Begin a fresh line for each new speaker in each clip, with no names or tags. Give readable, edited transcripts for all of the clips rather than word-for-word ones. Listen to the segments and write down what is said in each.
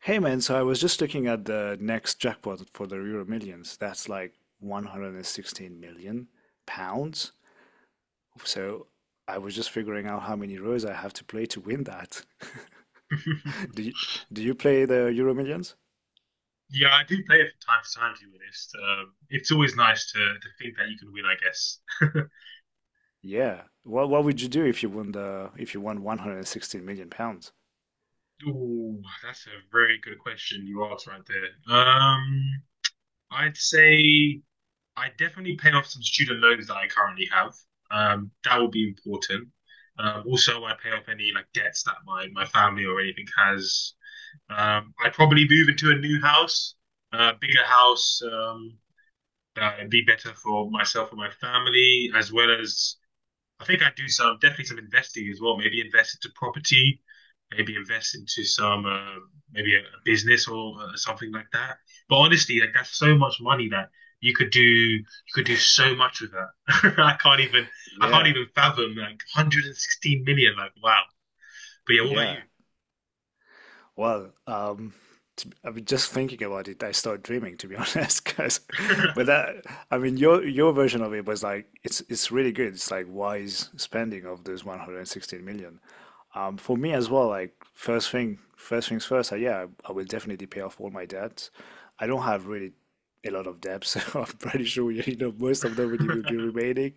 Hey man, so I was just looking at the next jackpot for the Euro Millions. That's like 116 million pounds. So I was just figuring out how many rows I have to play to win that. Do you, do you play the Euro Millions?
Yeah, I do play it from time to time, to be honest. It's always nice to think that you can win, I guess.
Yeah. What would you do if you won £116 million?
Ooh, that's a very good question you asked right there. I'd say I definitely pay off some student loans that I currently have. That would be important. Also, I pay off any like debts that my family or anything has. I'd probably move into a new house, a bigger house. That would be better for myself and my family, as well as I think I'd do some definitely some investing as well. Maybe invest into property, maybe invest into some maybe a business or something like that. But honestly, like that's so much money that you could do so much with that. I can't even I can't
Yeah.
even fathom like 116 million. Like wow. But yeah, what
Yeah. Well, I mean, just thinking about it, I start dreaming, to be honest. Because, but that, I mean, your version of it was like it's really good. It's like wise spending of those 116 million. For me as well, like first thing, first things first. I, yeah, I will definitely pay off all my debts. I don't have really a lot of debts. So I'm pretty sure you know most of them really will be remaining.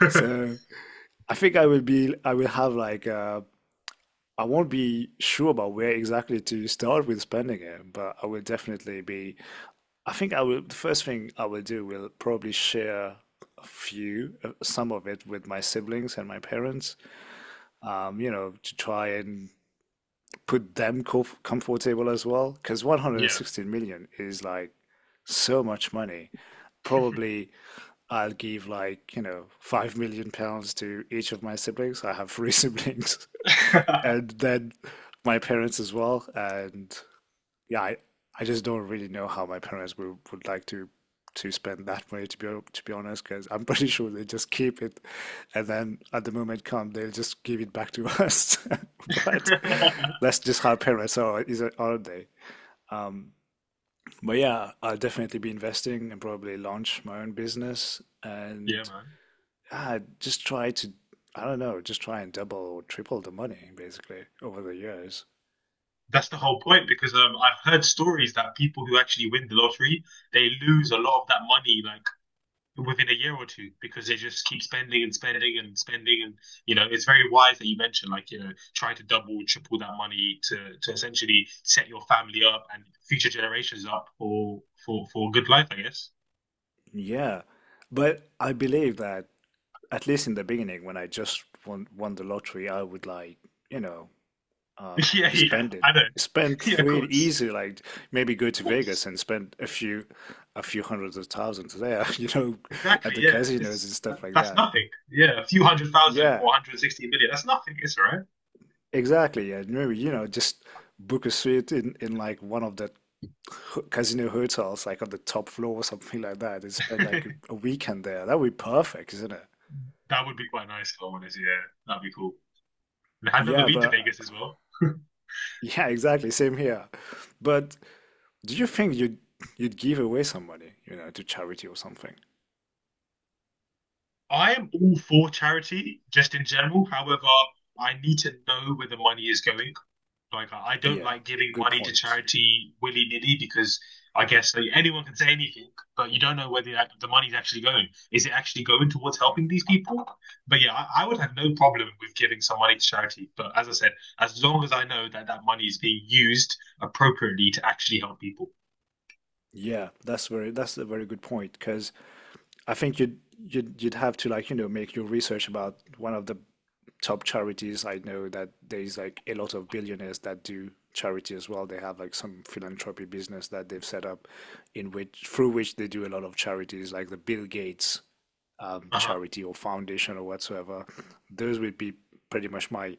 about you?
So I think I will be, I will have like I won't be sure about where exactly to start with spending it, but I will definitely be. I think I will. The first thing I will do will probably share a few, some of it with my siblings and my parents, you know, to try and put them comfortable as well. Because
Yeah.
116 million is like so much money. Probably I'll give like, you know, £5 million to each of my siblings. I have three siblings. And then my parents as well. And yeah, I just don't really know how my parents would like to spend that money to be honest, because I'm pretty sure they just keep it, and then at the moment come they'll just give it back to us. But that's just how parents are, is it, aren't they? But yeah, I'll definitely be investing and probably launch my own business.
Yeah,
And
man.
Just try to, I don't know, just try and double or triple the money basically over the years.
That's the whole point because I've heard stories that people who actually win the lottery, they lose a lot of that money like within a year or two because they just keep spending and spending and spending and you know it's very wise that you mentioned like you know try to double triple that money to essentially set your family up and future generations up for a good life, I guess.
Yeah. But I believe that at least in the beginning, when I just won the lottery, I would like, you know, uh,
Yeah,
spend it,
I know.
spend
Yeah,
free, easy, like maybe go
of
to Vegas
course,
and spend a few hundreds of thousands there. You know,
exactly.
at the
Yeah,
casinos and stuff like
that's
that.
nothing. Yeah, a few hundred thousand or
Yeah,
160 million, that's nothing. It's all
exactly. And maybe, you know, just book a suite in like one of the casino hotels, like on the top floor or something like that, and spend like
right.
a weekend there. That would be perfect, isn't it?
That would be quite nice if I'm honest. Yeah, that'd be cool. And I've never
Yeah,
been to
but
Vegas as well.
yeah, exactly. Same here. But do you think you'd give away some money, you know, to charity or something?
I am all for charity, just in general. However, I need to know where the money is going. Like, I don't
Yeah,
like giving
good
money to
point.
charity willy-nilly because I guess like, anyone can say anything, but you don't know where the money's actually going. Is it actually going towards helping these people? But yeah, I would have no problem with giving some money to charity. But as I said, as long as I know that that money is being used appropriately to actually help people.
Yeah, that's a very good point because I think you'd have to like, you know, make your research about one of the top charities. I know that there's like a lot of billionaires that do charity as well. They have like some philanthropy business that they've set up in which through which they do a lot of charities like the Bill Gates
Uh-huh.
charity or foundation or whatsoever. Those would be pretty much my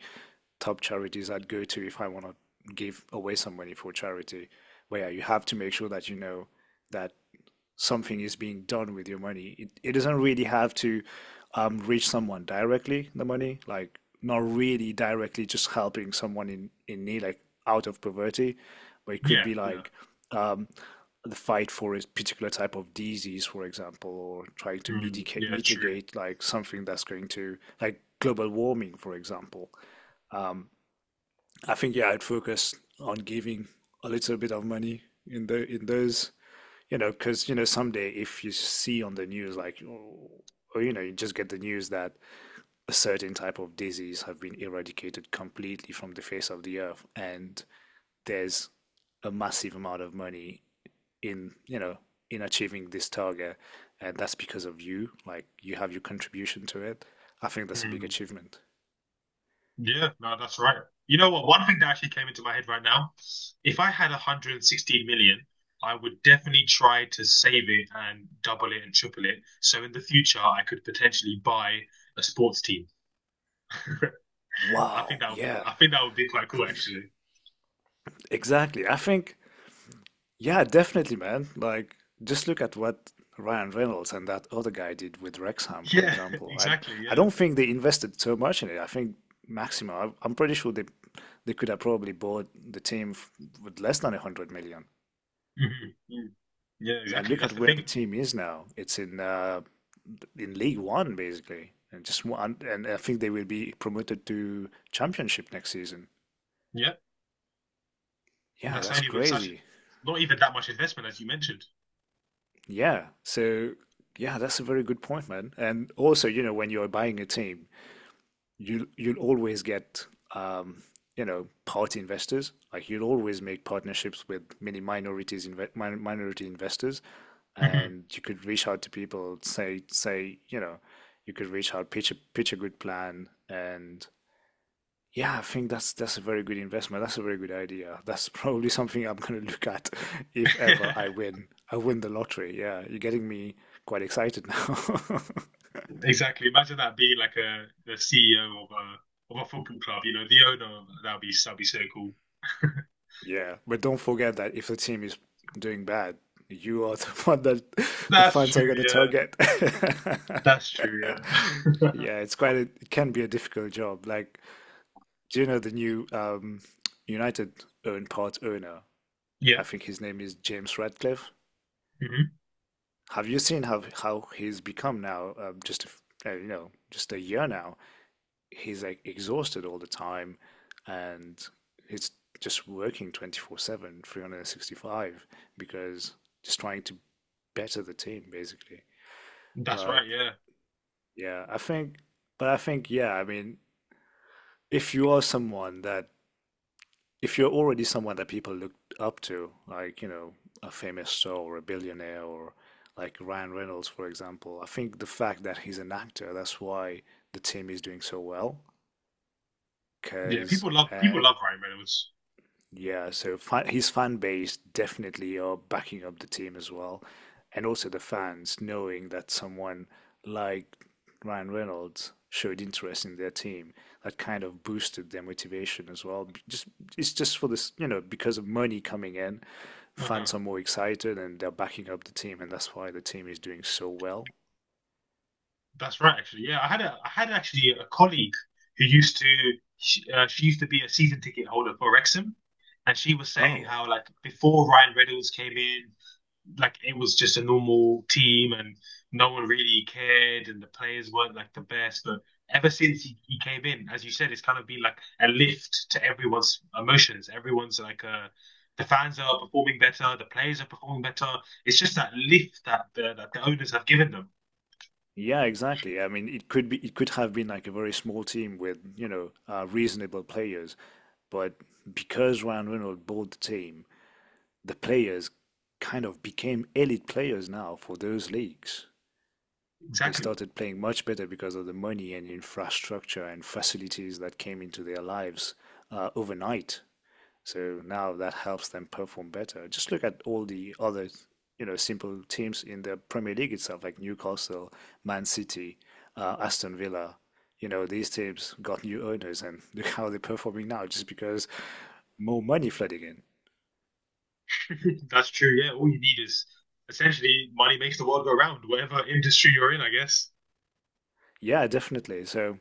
top charities I'd go to if I want to give away some money for charity. Where you have to make sure that you know that something is being done with your money. It doesn't really have to reach someone directly, the money, like not really directly, just helping someone in need, like out of poverty, but it could
Yeah,
be
yeah.
like um, the fight for a particular type of disease, for example, or trying to
Mm, yeah, true.
mitigate like something that's going to, like global warming, for example. I think, yeah, I'd focus on giving a little bit of money in those, you know, because, you know, someday if you see on the news, like, oh, or, you know, you just get the news that a certain type of disease have been eradicated completely from the face of the earth, and there's a massive amount of money in, you know, in achieving this target, and that's because of you, like, you have your contribution to it. I think that's a big
Mm,
achievement.
yeah, no, that's right. You know what? One thing that actually came into my head right now, if I had 116 million, I would definitely try to save it and double it and triple it. So in the future, I could potentially buy a sports team. I
Wow,
think that would be,
yeah.
I think that would be quite cool, actually.
Exactly. I think. Yeah, definitely, man. Like, just look at what Ryan Reynolds and that other guy did with Wrexham, for
Yeah,
example.
exactly.
I
Yeah.
don't think they invested so much in it. I think maximum, I, I'm pretty sure they could have probably bought the team f with less than 100 million.
Mhm, mm. Yeah,
And
exactly.
look at
That's the
where the
thing.
team is now. It's in League One, basically, and just one. And I think they will be promoted to Championship next season.
Yeah,
Yeah,
that's
that's
only with such
crazy.
not even that much investment as you mentioned.
Yeah. So yeah, that's a very good point, man. And also, you know, when you're buying a team, you'll always get um, you know, party investors. Like you'll always make partnerships with many minorities inve min minority investors,
Mhm.
and you could reach out to people, say, you know, you could reach out, pitch a good plan, and yeah, I think that's a very good investment. That's a very good idea. That's probably something I'm going to look at if ever I win. I win the lottery. Yeah, you're getting me quite excited now.
Exactly. Imagine that being like a the CEO of a football club. You know, the owner. That'd be so cool.
Yeah, but don't forget that if the team is doing bad, you are the one that the
That's
fans
true.
are going to
Yeah.
target.
That's true. Yeah.
Yeah, it's quite a, it can be a difficult job. Like, do you know the new United own part owner?
Yeah.
I think his name is James Radcliffe.
Hmm.
Have you seen how he's become now? Just a you know, just a year now. He's like exhausted all the time, and he's just working 24/7, 365, because just trying to better the team basically.
That's
But
right. Yeah.
yeah, I think, but I think yeah, I mean, if you are someone that if you're already someone that people look up to, like, you know, a famous star or a billionaire or like Ryan Reynolds, for example. I think the fact that he's an actor, that's why the team is doing so well.
Yeah.
Because
People love Ryan Reynolds.
yeah, so his fan base definitely are backing up the team as well. And also the fans knowing that someone like Ryan Reynolds showed interest in their team. That kind of boosted their motivation as well. B- Just it's just for this, you know, because of money coming in,
Uh-huh.
fans are more excited and they're backing up the team, and that's why the team is doing so well.
That's right. Actually, yeah. I had actually a colleague who used to she used to be a season ticket holder for Wrexham, and she was saying
Oh,
how like before Ryan Reynolds came in, like it was just a normal team and no one really cared and the players weren't like the best. But ever since he came in, as you said, it's kind of been like a lift to everyone's emotions. Everyone's like the fans are performing better, the players are performing better. It's just that lift that that the owners have given them.
yeah, exactly. I mean, it could have been like a very small team with, you know, reasonable players. But because Ryan Reynolds bought the team, the players kind of became elite players now for those leagues. They
Exactly.
started playing much better because of the money and infrastructure and facilities that came into their lives overnight. So now that helps them perform better. Just look at all the other, you know, simple teams in the Premier League itself, like Newcastle, Man City, Aston Villa. You know, these teams got new owners, and look how they're performing now just because more money flooded in.
That's true. Yeah, all you need is essentially money makes the world go round. Whatever industry you're in, I guess.
Yeah, definitely. So,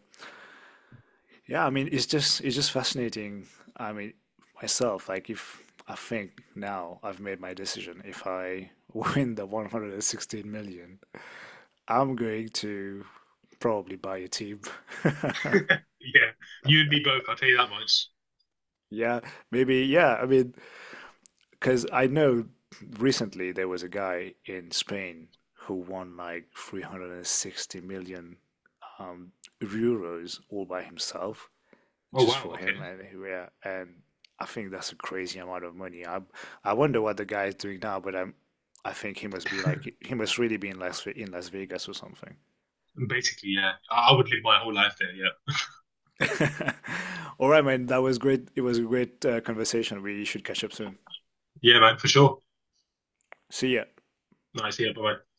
yeah, I mean, it's just fascinating. I mean, myself, like if I think now I've made my decision, if I win the 116 million, I'm going to probably buy a team.
Yeah, you and me both. I'll tell you that much.
Yeah, maybe, yeah, I mean, because I know recently there was a guy in Spain who won like 360 million um, euros all by himself.
Oh
Just
wow.
for
Okay.
him and yeah, and I think that's a crazy amount of money. I wonder what the guy is doing now, but I think he must be like he must really be in Las Vegas or something.
Basically, yeah. I would live my whole life there. Yeah.
All right, man, that was great. It was a great conversation. We should catch up soon.
Yeah, man, for sure.
See ya.
Nice. Yeah. Bye.